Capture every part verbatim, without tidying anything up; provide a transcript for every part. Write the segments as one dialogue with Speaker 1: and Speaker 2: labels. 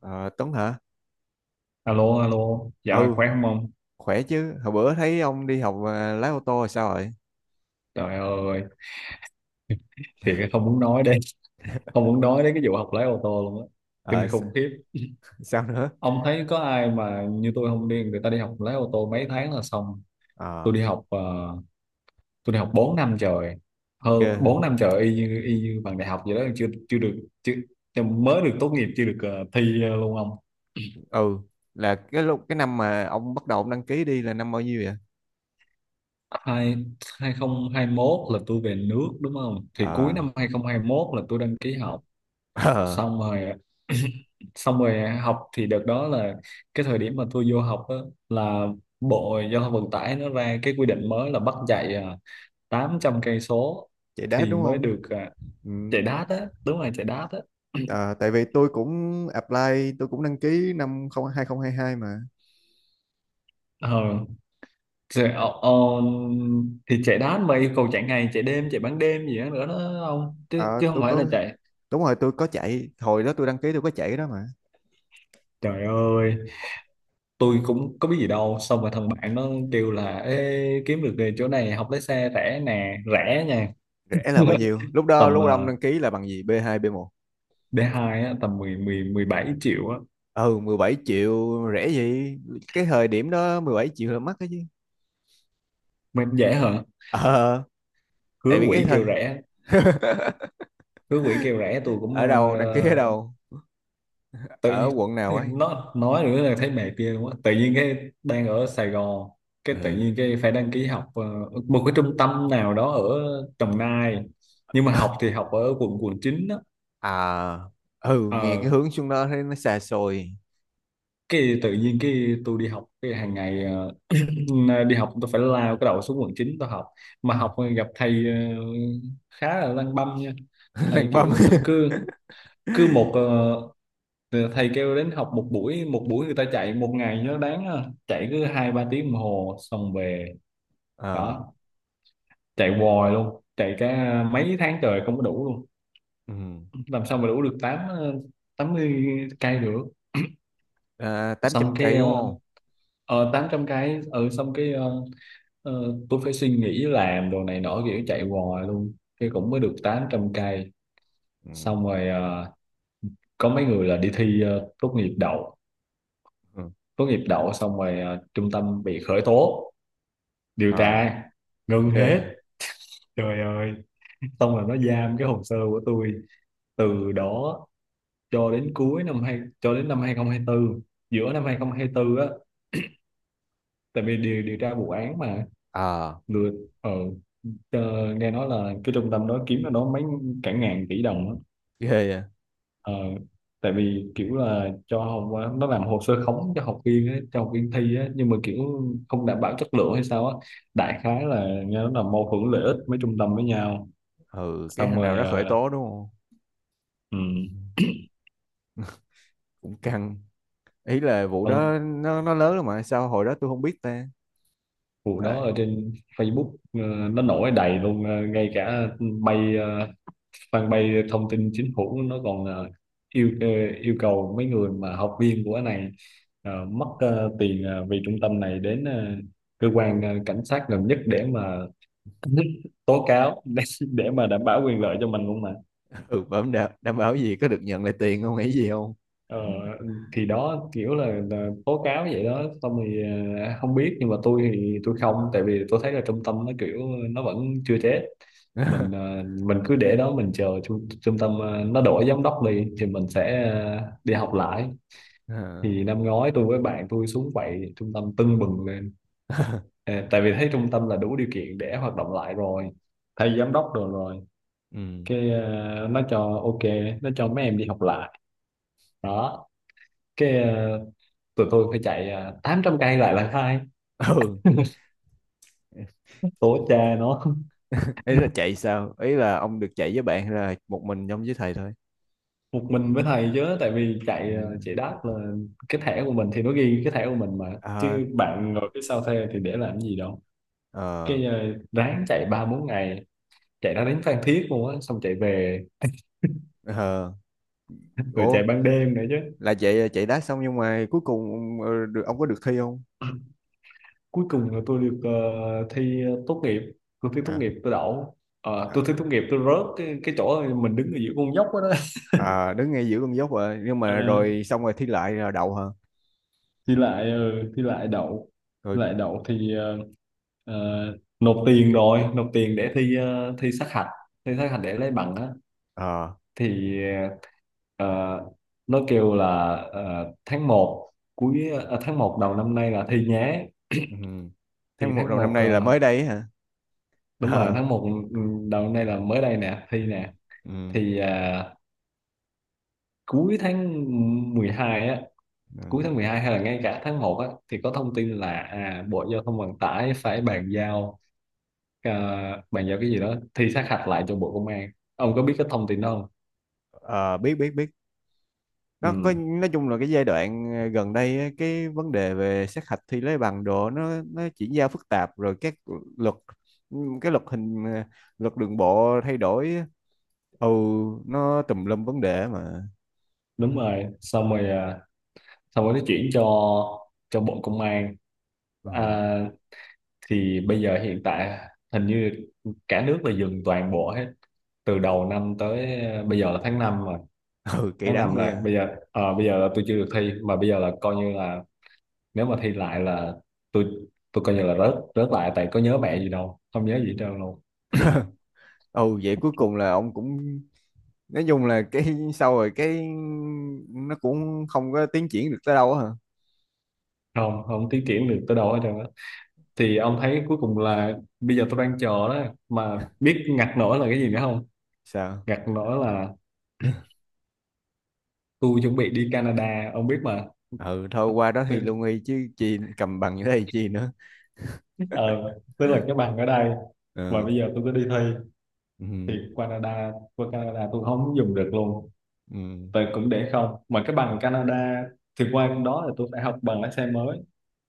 Speaker 1: Ờ, Tuấn hả?
Speaker 2: Alo, alo, dạo này
Speaker 1: Ừ,
Speaker 2: khỏe không ông?
Speaker 1: khỏe chứ. Hồi bữa thấy ông đi học à, lái ô tô rồi sao rồi?
Speaker 2: Trời ơi, thiệt là không muốn nói đây, không muốn nói đến cái vụ học lái ô tô luôn á,
Speaker 1: Ờ,
Speaker 2: kinh
Speaker 1: s-
Speaker 2: khủng khiếp.
Speaker 1: sao nữa?
Speaker 2: Ông thấy có ai mà như tôi không đi, người ta đi học lái ô tô mấy tháng là xong. Tôi
Speaker 1: Ờ,
Speaker 2: đi học, ờ, tôi đi học bốn năm trời, hơn
Speaker 1: ghê.
Speaker 2: bốn năm trời y như, y như bằng đại học vậy đó, chưa chưa được, chưa, mới được tốt nghiệp, chưa được ờ, thi ờ, luôn ông.
Speaker 1: Ừ, là cái lúc cái năm mà ông bắt đầu ông đăng ký đi là năm bao nhiêu vậy?
Speaker 2: Hai, hai hai không hai mốt là tôi về nước đúng không? Thì cuối
Speaker 1: Ờ,
Speaker 2: năm hai hai không hai mốt là tôi đăng ký học
Speaker 1: ờ,
Speaker 2: xong rồi xong rồi học thì đợt đó là cái thời điểm mà tôi vô học á, là Bộ Giao thông Vận tải nó ra cái quy định mới là bắt chạy à, tám trăm cây số
Speaker 1: chạy đát
Speaker 2: thì
Speaker 1: đúng
Speaker 2: mới
Speaker 1: không?
Speaker 2: được à,
Speaker 1: Ừ.
Speaker 2: chạy đát á, đúng rồi, chạy đát á.
Speaker 1: Ờ, tại vì tôi cũng apply, tôi cũng đăng ký năm không hai không hai hai mà.
Speaker 2: ờ chạy, ờ, ờ, thì chạy đát mà yêu cầu chạy ngày chạy đêm chạy ban đêm gì đó nữa đó không chứ,
Speaker 1: Ờ,
Speaker 2: chứ không
Speaker 1: tôi
Speaker 2: phải là
Speaker 1: có,
Speaker 2: chạy.
Speaker 1: đúng rồi, tôi có chạy. Hồi đó tôi đăng ký tôi có chạy cái đó mà.
Speaker 2: Trời ơi, tôi cũng có biết gì đâu, xong rồi thằng bạn nó kêu là: Ê, kiếm được nghề chỗ này học lái xe rẻ nè, rẻ nha.
Speaker 1: Rẻ là bao nhiêu? Lúc đó,
Speaker 2: Tầm
Speaker 1: lúc ông
Speaker 2: uh,
Speaker 1: đăng ký là bằng gì? bê hai, bê một?
Speaker 2: đê hai á, tầm mười mười mười bảy triệu á.
Speaker 1: Ừ, mười bảy triệu rẻ gì. Cái thời điểm đó mười bảy triệu là mắc đó chứ.
Speaker 2: Mà em dễ hả?
Speaker 1: Ờ. Tại
Speaker 2: Hứa
Speaker 1: vì cái
Speaker 2: quỷ
Speaker 1: thời.
Speaker 2: kêu rẻ, hứa quỷ kêu rẻ, tôi cũng
Speaker 1: Ở đâu đăng ký, ở
Speaker 2: ờ,
Speaker 1: đâu,
Speaker 2: tự
Speaker 1: ở
Speaker 2: nhiên
Speaker 1: quận nào ấy?
Speaker 2: nó nói nữa là thấy mệt ghê luôn á. Tự nhiên cái đang ở Sài Gòn, cái tự
Speaker 1: Ừ.
Speaker 2: nhiên cái phải đăng ký học ờ, một cái trung tâm nào đó ở Đồng Nai, nhưng mà học thì học ở quận quận chín đó.
Speaker 1: À. Ừ, nghe cái
Speaker 2: Ờ,
Speaker 1: hướng xuống đó thấy nó xa xôi.
Speaker 2: cái tự nhiên cái tôi đi học cái hàng ngày ờ, đi học tôi phải lao cái đầu xuống quận chín tôi học, mà học gặp thầy ờ, khá là lăng băm nha. Thầy
Speaker 1: Lăn băm.
Speaker 2: kiểu ờ, cứ cứ một ờ, thầy kêu đến học một buổi, một buổi người ta chạy một ngày cho nó đáng, ờ, chạy cứ hai ba tiếng đồng hồ xong về
Speaker 1: Ờ.
Speaker 2: đó. Chạy hoài luôn, chạy cả mấy tháng trời không có đủ luôn,
Speaker 1: Ừ.
Speaker 2: làm sao mà đủ được tám ờ, tám mươi cây được.
Speaker 1: À, tám trăm
Speaker 2: Xong cái
Speaker 1: cây đúng
Speaker 2: ờ,
Speaker 1: không?
Speaker 2: ờ tám trăm, cái ừ, xong cái ờ, ờ, tôi phải suy nghĩ làm đồ này nọ kiểu chạy hoài luôn, cái cũng mới được tám trăm cây.
Speaker 1: Ừ.
Speaker 2: Xong rồi ờ, có mấy người là đi thi ờ, tốt nghiệp đậu,
Speaker 1: Ừ.
Speaker 2: tốt nghiệp đậu, xong rồi ờ, trung tâm bị khởi tố, điều
Speaker 1: Ờ.
Speaker 2: tra, ngưng
Speaker 1: Ghê
Speaker 2: hết.
Speaker 1: vậy.
Speaker 2: Trời ơi, xong rồi nó giam cái hồ sơ của tôi từ đó cho đến cuối năm hai cho đến năm hai không hai tư, giữa năm hai không hai tư á, tại vì điều điều tra vụ án mà
Speaker 1: Ờ.
Speaker 2: lừa. ờ ờ, nghe nói là cái trung tâm đó kiếm nó đó mấy cả ngàn tỷ đồng á.
Speaker 1: Ghê vậy.
Speaker 2: Ờ, tại vì kiểu là cho học quá, nó làm hồ sơ khống cho học viên ấy, cho học viên thi ấy, nhưng mà kiểu không đảm bảo chất lượng hay sao á. Đại khái là nghe nó là mâu thuẫn lợi ích mấy trung tâm với nhau.
Speaker 1: Ừ, cái
Speaker 2: Xong
Speaker 1: thằng nào
Speaker 2: rồi
Speaker 1: nó khởi
Speaker 2: ờ,
Speaker 1: tố đúng không? Ừ.
Speaker 2: ừm,
Speaker 1: Cũng căng. Ý là vụ
Speaker 2: Ừ,
Speaker 1: đó nó nó lớn lắm mà sao hồi đó tôi không biết ta.
Speaker 2: vụ đó
Speaker 1: Trời.
Speaker 2: ở trên Facebook ờ, nó nổi đầy luôn, ờ, ngay cả bay ờ, fanpage thông tin chính phủ nó còn ờ, yêu ờ, yêu cầu mấy người mà học viên của cái này ờ, mất ờ, tiền, ờ, vì trung tâm này, đến ờ, cơ quan ờ, cảnh sát gần nhất để mà tố cáo để, để mà đảm bảo quyền lợi cho mình luôn mà.
Speaker 1: Ừ, bấm đảm, đảm bảo gì có được nhận lại tiền không, nghĩ gì không?
Speaker 2: Ờ, thì đó kiểu là, là tố cáo vậy đó, xong thì à, không biết, nhưng mà tôi thì tôi không, tại vì tôi thấy là trung tâm nó kiểu nó vẫn chưa chết. Mình à, mình cứ để đó, mình chờ trung, trung tâm à, nó đổi giám đốc đi thì mình sẽ à, đi học lại.
Speaker 1: Ờ.
Speaker 2: Thì năm ngoái tôi với bạn tôi xuống vậy, trung tâm tưng bừng lên. À, tại vì thấy trung tâm là đủ điều kiện để hoạt động lại rồi, thay giám đốc rồi rồi
Speaker 1: ừ
Speaker 2: cái à, nó cho ok, nó cho mấy em đi học lại đó. Cái à, tụi tôi phải chạy à, tám trăm cây lại là khai
Speaker 1: ừ,
Speaker 2: tổ cha nó.
Speaker 1: ý là chạy sao, ý là ông được chạy với bạn hay là một mình trong với thầy thôi?
Speaker 2: Một mình với thầy chứ, tại vì
Speaker 1: Ừ.
Speaker 2: chạy à, chạy đáp là cái thẻ của mình thì nó ghi cái thẻ của mình mà,
Speaker 1: Ờ.
Speaker 2: chứ bạn ngồi phía sau thuê thì để làm gì đâu.
Speaker 1: Ờ.
Speaker 2: Cái à, ráng chạy ba bốn ngày, chạy ra đến Phan Thiết luôn á, xong chạy về,
Speaker 1: Ờ.
Speaker 2: rồi chạy
Speaker 1: Ủa,
Speaker 2: ban đêm nữa chứ.
Speaker 1: là chạy chạy đá xong nhưng mà cuối cùng ờ, được, ông có được thi không?
Speaker 2: Cuối cùng là tôi được ờ, thi tốt nghiệp, tôi thi tốt
Speaker 1: À.
Speaker 2: nghiệp tôi đậu. Ờ,
Speaker 1: à,
Speaker 2: tôi thi tốt nghiệp tôi rớt cái, cái chỗ mình đứng ở giữa con dốc đó, đó.
Speaker 1: à, đứng ngay giữa con dốc rồi nhưng
Speaker 2: Ờ,
Speaker 1: mà rồi xong rồi thi lại rồi đậu hả?
Speaker 2: thi lại ừ, thi lại đậu.
Speaker 1: Rồi.
Speaker 2: Thi lại đậu thì ờ, ờ, nộp tiền, rồi nộp tiền để thi ờ, thi sát hạch, thi sát hạch để lấy bằng á.
Speaker 1: Ờ.
Speaker 2: Thì ờ, nó kêu là ờ, tháng một cuối ờ, tháng một đầu năm nay là thi nhé.
Speaker 1: Ừ.
Speaker 2: Thì
Speaker 1: Tháng một
Speaker 2: tháng
Speaker 1: đầu năm
Speaker 2: một
Speaker 1: nay là
Speaker 2: ờ,
Speaker 1: mới đây ấy hả?
Speaker 2: đúng rồi,
Speaker 1: Ờ.
Speaker 2: tháng một, ừ, đầu năm nay là mới đây nè, thi nè.
Speaker 1: Ừ.
Speaker 2: Thì ờ, cuối tháng mười hai á, cuối
Speaker 1: Ừ.
Speaker 2: tháng mười hai hay là ngay cả tháng một á, thì có thông tin là à, Bộ Giao thông Vận tải phải bàn giao ờ, bàn giao cái gì đó thi sát hạch lại cho Bộ Công an. Ông có biết cái thông tin đó không?
Speaker 1: Ờ, biết biết biết. Nó có,
Speaker 2: Ừ,
Speaker 1: nói chung là cái giai đoạn ờ, gần đây á, cái vấn đề về sát hạch thi lấy bằng đồ nó nó chuyển giao phức tạp, rồi các luật, cái luật hình ờ, luật đường bộ thay đổi á. Ừ. Nó tùm lum vấn đề mà.
Speaker 2: đúng rồi, xong rồi à, xong rồi nó chuyển cho cho Bộ Công an
Speaker 1: Ờ.
Speaker 2: à. Thì bây giờ hiện tại, hình như cả nước là dừng toàn bộ hết, từ đầu năm tới à, bây giờ là tháng năm, rồi
Speaker 1: Ừ, kỳ
Speaker 2: tháng
Speaker 1: đắng
Speaker 2: năm
Speaker 1: gì
Speaker 2: là
Speaker 1: à.
Speaker 2: bây giờ ờ, bây giờ là tôi chưa được thi, mà bây giờ là coi như là, nếu mà thi lại là tôi tôi coi như là rớt rớt lại, tại có nhớ mẹ gì đâu, không nhớ gì hết trơn luôn.
Speaker 1: Ừ, vậy cuối cùng là ông cũng nói chung là cái sau rồi cái nó cũng không có tiến triển được tới đâu á hả?
Speaker 2: Không không tiến triển được tới đâu hết trơn á, thì ông thấy cuối cùng là bây giờ tôi đang chờ đó, mà biết ngặt nổi là cái gì nữa không?
Speaker 1: Sao?
Speaker 2: Ngặt nổi là tôi chuẩn bị đi Canada ông biết mà.
Speaker 1: Ừ, thôi qua đó thi
Speaker 2: Tức-
Speaker 1: lương y chứ chi, cầm bằng như thế thì chi nữa.
Speaker 2: ờ tức là cái bằng ở đây, mà
Speaker 1: Ừ.
Speaker 2: bây giờ tôi cứ đi thi
Speaker 1: Ừ.
Speaker 2: thì Canada, qua Canada tôi không dùng được luôn.
Speaker 1: Ừ.
Speaker 2: Tôi cũng để không mà cái bằng Canada, thì qua đó là tôi phải học bằng lái xe mới,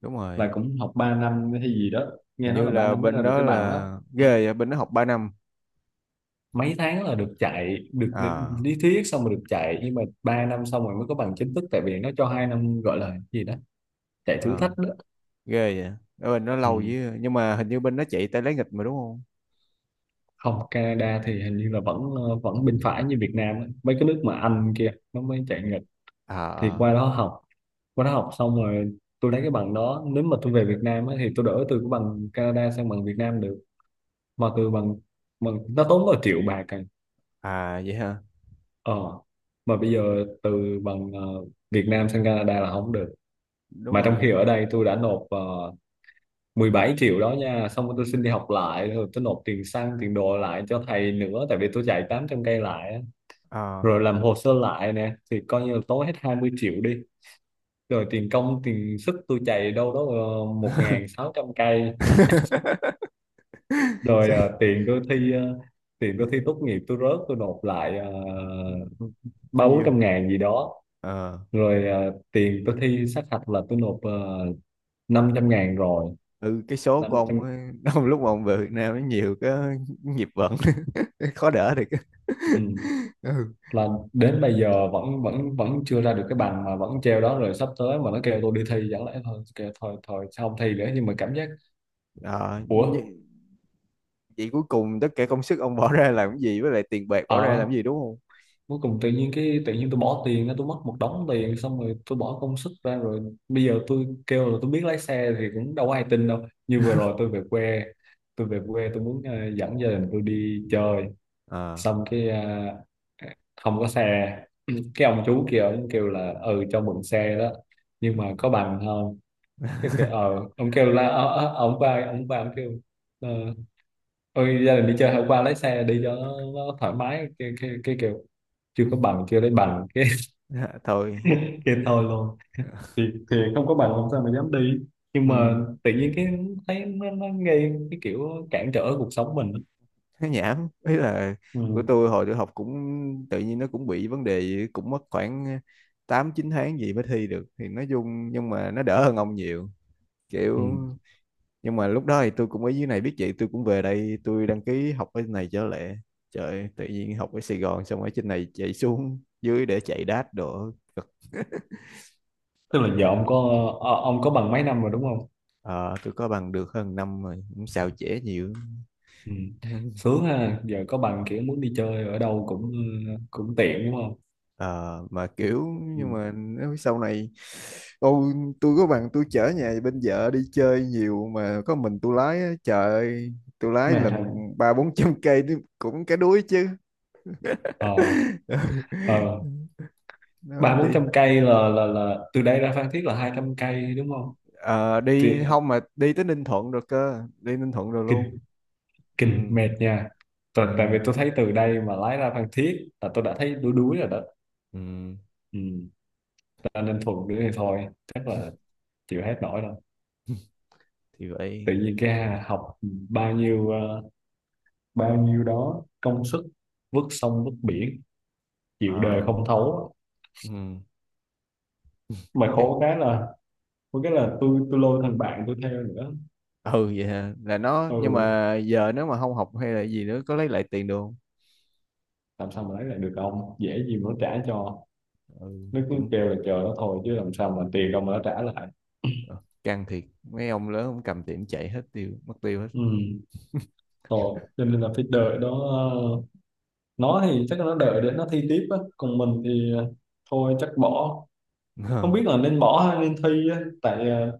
Speaker 1: Đúng
Speaker 2: là
Speaker 1: rồi.
Speaker 2: cũng học ba năm hay gì đó, nghe
Speaker 1: Hình
Speaker 2: nói
Speaker 1: như
Speaker 2: là ba
Speaker 1: là
Speaker 2: năm mới
Speaker 1: bên
Speaker 2: ra được
Speaker 1: đó
Speaker 2: cái bằng
Speaker 1: là
Speaker 2: đó.
Speaker 1: ghê vậy, bên đó học ba năm.
Speaker 2: Mấy tháng là được chạy, được
Speaker 1: À,
Speaker 2: lý thuyết xong rồi được chạy, nhưng mà ba năm xong rồi mới có bằng chính thức, tại vì nó cho hai năm gọi là gì đó, chạy thử
Speaker 1: à.
Speaker 2: thách đó.
Speaker 1: Ghê vậy. Ở bên đó lâu
Speaker 2: Ừ.
Speaker 1: với, nhưng mà hình như bên đó chạy tay lấy nghịch mà đúng không?
Speaker 2: Không, Canada thì hình như là vẫn ờ, vẫn bên phải như Việt Nam á. Mấy cái nước mà Anh kia nó mới chạy nghịch. Thì
Speaker 1: À.
Speaker 2: qua đó học, qua đó học xong rồi tôi lấy cái bằng đó, nếu mà tôi về Việt Nam á, thì tôi đổi từ cái bằng Canada sang bằng Việt Nam được, mà từ bằng bằng nó tốn có triệu bạc à.
Speaker 1: À. À, vậy hả?
Speaker 2: Ờ, mà bây giờ từ bằng ờ, Việt Nam sang Canada là không được.
Speaker 1: Đúng
Speaker 2: Mà trong khi
Speaker 1: rồi.
Speaker 2: ở đây tôi đã nộp uh, mười bảy triệu đó nha, xong rồi tôi xin đi học lại, rồi tôi nộp tiền xăng, tiền đồ lại cho thầy nữa, tại vì tôi chạy tám trăm cây lại, á.
Speaker 1: À.
Speaker 2: Rồi làm hồ sơ lại nè, thì coi như là tốn hết hai mươi triệu đi. Rồi tiền công, tiền sức tôi chạy đâu đó uh, một nghìn sáu trăm cây, rồi
Speaker 1: Sẽ-
Speaker 2: ờ, tiền tôi thi ờ, tiền tôi thi tốt nghiệp tôi rớt tôi nộp lại ờ,
Speaker 1: bao
Speaker 2: ba bốn
Speaker 1: nhiêu?
Speaker 2: trăm ngàn gì đó,
Speaker 1: Ờ.
Speaker 2: rồi ờ, tiền tôi thi sát hạch là tôi nộp uh, năm trăm ngàn rồi,
Speaker 1: Ừ, cái số của ông
Speaker 2: năm trăm.
Speaker 1: ấy, ông lúc mà ông về Việt Nam nó nhiều cái nghiệp vận. Khó đỡ được.
Speaker 2: Ừ,
Speaker 1: Ừ.
Speaker 2: là đến bây giờ vẫn vẫn vẫn chưa ra được cái bằng, mà vẫn treo đó, rồi sắp tới mà nó kêu tôi đi thi chẳng lẽ thôi, kêu thôi thôi sao không thi nữa, nhưng mà cảm giác
Speaker 1: Ờ,
Speaker 2: ủa.
Speaker 1: nh- vậy cuối cùng tất cả công sức ông bỏ ra làm cái gì, với lại tiền bạc bỏ ra
Speaker 2: Ờ,
Speaker 1: làm cái gì đúng không?
Speaker 2: cuối cùng tự nhiên cái tự nhiên tôi bỏ tiền, tôi mất một đống tiền, xong rồi tôi bỏ công sức ra rồi, bây giờ tôi kêu là tôi biết lái xe thì cũng đâu có ai tin đâu. Như vừa rồi tôi về quê, tôi về quê tôi muốn ờ, dẫn gia đình tôi đi chơi,
Speaker 1: Ờ.
Speaker 2: xong cái à, không có xe. Cái ông chú kia ông kêu là: Ừ, cho mượn xe đó nhưng mà có bằng không? Cái kêu ờ, ông kêu là ờ, ờ, ông qua ông qua ông kêu ờ, ôi gia đình đi chơi hôm qua lấy xe đi cho nó, nó thoải mái, cái, cái, cái kêu chưa có bằng, chưa lấy bằng cái
Speaker 1: Dạ, thôi.
Speaker 2: cái thôi luôn. Thì thì không có bằng làm sao mà dám đi, nhưng mà
Speaker 1: Ừ.
Speaker 2: tự nhiên cái thấy nó, nó gây cái kiểu cản trở cuộc sống mình.
Speaker 1: Nó nhảm, ý là của
Speaker 2: Ừ.
Speaker 1: tôi, hồi tôi học cũng tự nhiên nó cũng bị vấn đề gì, cũng mất khoảng tám chín tháng gì mới thi được thì nói chung, nhưng mà nó đỡ hơn ông nhiều, kiểu.
Speaker 2: Ừ.
Speaker 1: Nhưng mà lúc đó thì tôi cũng ở dưới này, biết vậy tôi cũng về đây tôi đăng ký học ở này trở lại. Trời, tự nhiên học ở Sài Gòn xong ở trên này chạy xuống dưới để chạy đát đồ.
Speaker 2: Tức là giờ ông có ờ, ông có bằng mấy năm rồi đúng không?
Speaker 1: Ờ, tôi có bằng được hơn năm rồi cũng xào trễ nhiều.
Speaker 2: Ừ. Sướng ha, giờ có bằng kiểu muốn đi chơi ở đâu cũng cũng tiện đúng không?
Speaker 1: Ờ, mà kiểu
Speaker 2: Ừ.
Speaker 1: nhưng mà nếu sau này tôi tôi có bằng tôi chở nhà bên vợ đi chơi nhiều mà có mình tôi lái á, trời ơi, tôi lái
Speaker 2: Mệt
Speaker 1: lần
Speaker 2: hả?
Speaker 1: ba bốn trăm cây đi- cũng cái đuối chứ.
Speaker 2: Ờ, ờ,
Speaker 1: Nó
Speaker 2: ba bốn
Speaker 1: đi.
Speaker 2: trăm cây là là là từ đây ra Phan Thiết là hai trăm cây đúng không?
Speaker 1: Ờ,
Speaker 2: Thì,
Speaker 1: đi không mà đi tới Ninh Thuận rồi cơ, đi Ninh Thuận rồi luôn.
Speaker 2: kinh
Speaker 1: Ừ.
Speaker 2: kinh mệt nha.
Speaker 1: Ừ.
Speaker 2: Tại, tại vì tôi thấy từ đây mà lái ra Phan Thiết là tôi đã thấy đuối đuối rồi đó.
Speaker 1: Ừ.
Speaker 2: Ừ. Ta nên thuận nữa thì thôi, chắc là chịu hết nổi rồi.
Speaker 1: Thì
Speaker 2: Tự
Speaker 1: vậy.
Speaker 2: nhiên cái hà- học bao nhiêu ờ, bao nhiêu đó công sức vứt sông vứt biển, chịu đời
Speaker 1: Ờ,
Speaker 2: không thấu, mà
Speaker 1: ừ.
Speaker 2: khổ cái là có cái là tôi tôi lôi thằng bạn tôi theo nữa.
Speaker 1: Ừ, vậy hả? Là nó, nhưng
Speaker 2: Ừ,
Speaker 1: mà giờ nếu mà không học hay là gì nữa có lấy lại tiền được không?
Speaker 2: làm sao mà lấy lại được, ông dễ gì mà nó trả cho.
Speaker 1: Ừ,
Speaker 2: Nó cứ
Speaker 1: cũng
Speaker 2: kêu là chờ nó thôi, chứ làm sao mà tiền đâu mà nó trả lại.
Speaker 1: ờ, căng thiệt, mấy ông lớn cũng cầm tiền chạy hết, tiêu mất tiêu hết.
Speaker 2: Ừ, thôi cho nên là phải đợi đó, ờ, nó thì chắc là nó đợi để nó thi tiếp á, còn mình thì ờ, thôi chắc bỏ. Không
Speaker 1: Ờ.
Speaker 2: biết là nên bỏ hay nên thi á, tại ờ,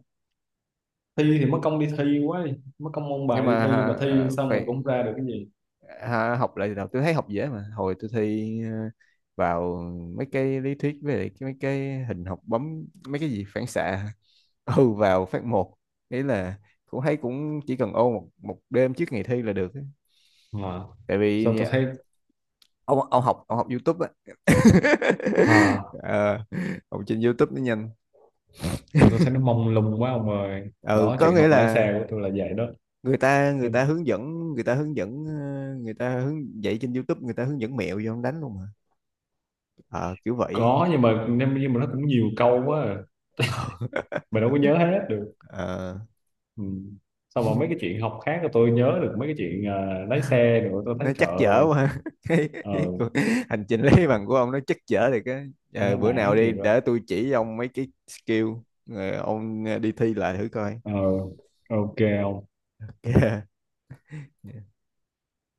Speaker 2: thi thì mất công đi thi quá đi, mất công ôn
Speaker 1: Nhưng
Speaker 2: bài đi
Speaker 1: mà
Speaker 2: thi
Speaker 1: à,
Speaker 2: mà thi
Speaker 1: à,
Speaker 2: xong rồi cũng
Speaker 1: phải
Speaker 2: không ra được cái gì.
Speaker 1: à, học lại từ đầu, tôi thấy học dễ mà, hồi tôi thi à, vào mấy cái lý thuyết với lại cái- mấy cái hình học bấm mấy cái gì phản xạ ừ vào phát một. Ý là cũng thấy cũng chỉ cần ôn một, một đêm trước ngày thi là được ấy.
Speaker 2: À,
Speaker 1: Tại
Speaker 2: sao
Speaker 1: vì
Speaker 2: tôi
Speaker 1: à,
Speaker 2: thấy
Speaker 1: ông ông học ông học YouTube á.
Speaker 2: à
Speaker 1: Ờ, học trên YouTube nó nhanh.
Speaker 2: sao tôi thấy nó mông lung quá ông ơi.
Speaker 1: Ừ,
Speaker 2: Đó,
Speaker 1: có
Speaker 2: chuyện
Speaker 1: nghĩa
Speaker 2: học lái
Speaker 1: là
Speaker 2: xe của tôi là vậy đó.
Speaker 1: người ta người ta hướng dẫn người ta hướng dẫn, ờ, người ta hướng dạy trên YouTube, người ta hướng dẫn mẹo vô không đánh luôn mà. Ờ, kiểu vậy.
Speaker 2: Có, nhưng mà nhưng, nhưng mà nó cũng nhiều câu quá à.
Speaker 1: Ờ,
Speaker 2: Mình đâu có nhớ hết được.
Speaker 1: ờ,
Speaker 2: Ừ. Sau mà mấy cái chuyện học khác là tôi nhớ được, mấy cái chuyện ờ, lái xe rồi tôi thấy
Speaker 1: nó
Speaker 2: trời
Speaker 1: chắc chở
Speaker 2: ơi.
Speaker 1: quá, cái,
Speaker 2: Ờ,
Speaker 1: cái cuộc hành trình lấy bằng của ông nó chắc chở thì cái
Speaker 2: tôi
Speaker 1: ờ,
Speaker 2: nó
Speaker 1: bữa nào
Speaker 2: nản
Speaker 1: đi
Speaker 2: thiệt
Speaker 1: để
Speaker 2: rồi.
Speaker 1: tôi chỉ ông mấy cái skill rồi ông đi thi lại thử coi.
Speaker 2: Ờ, ok, không.
Speaker 1: Ok.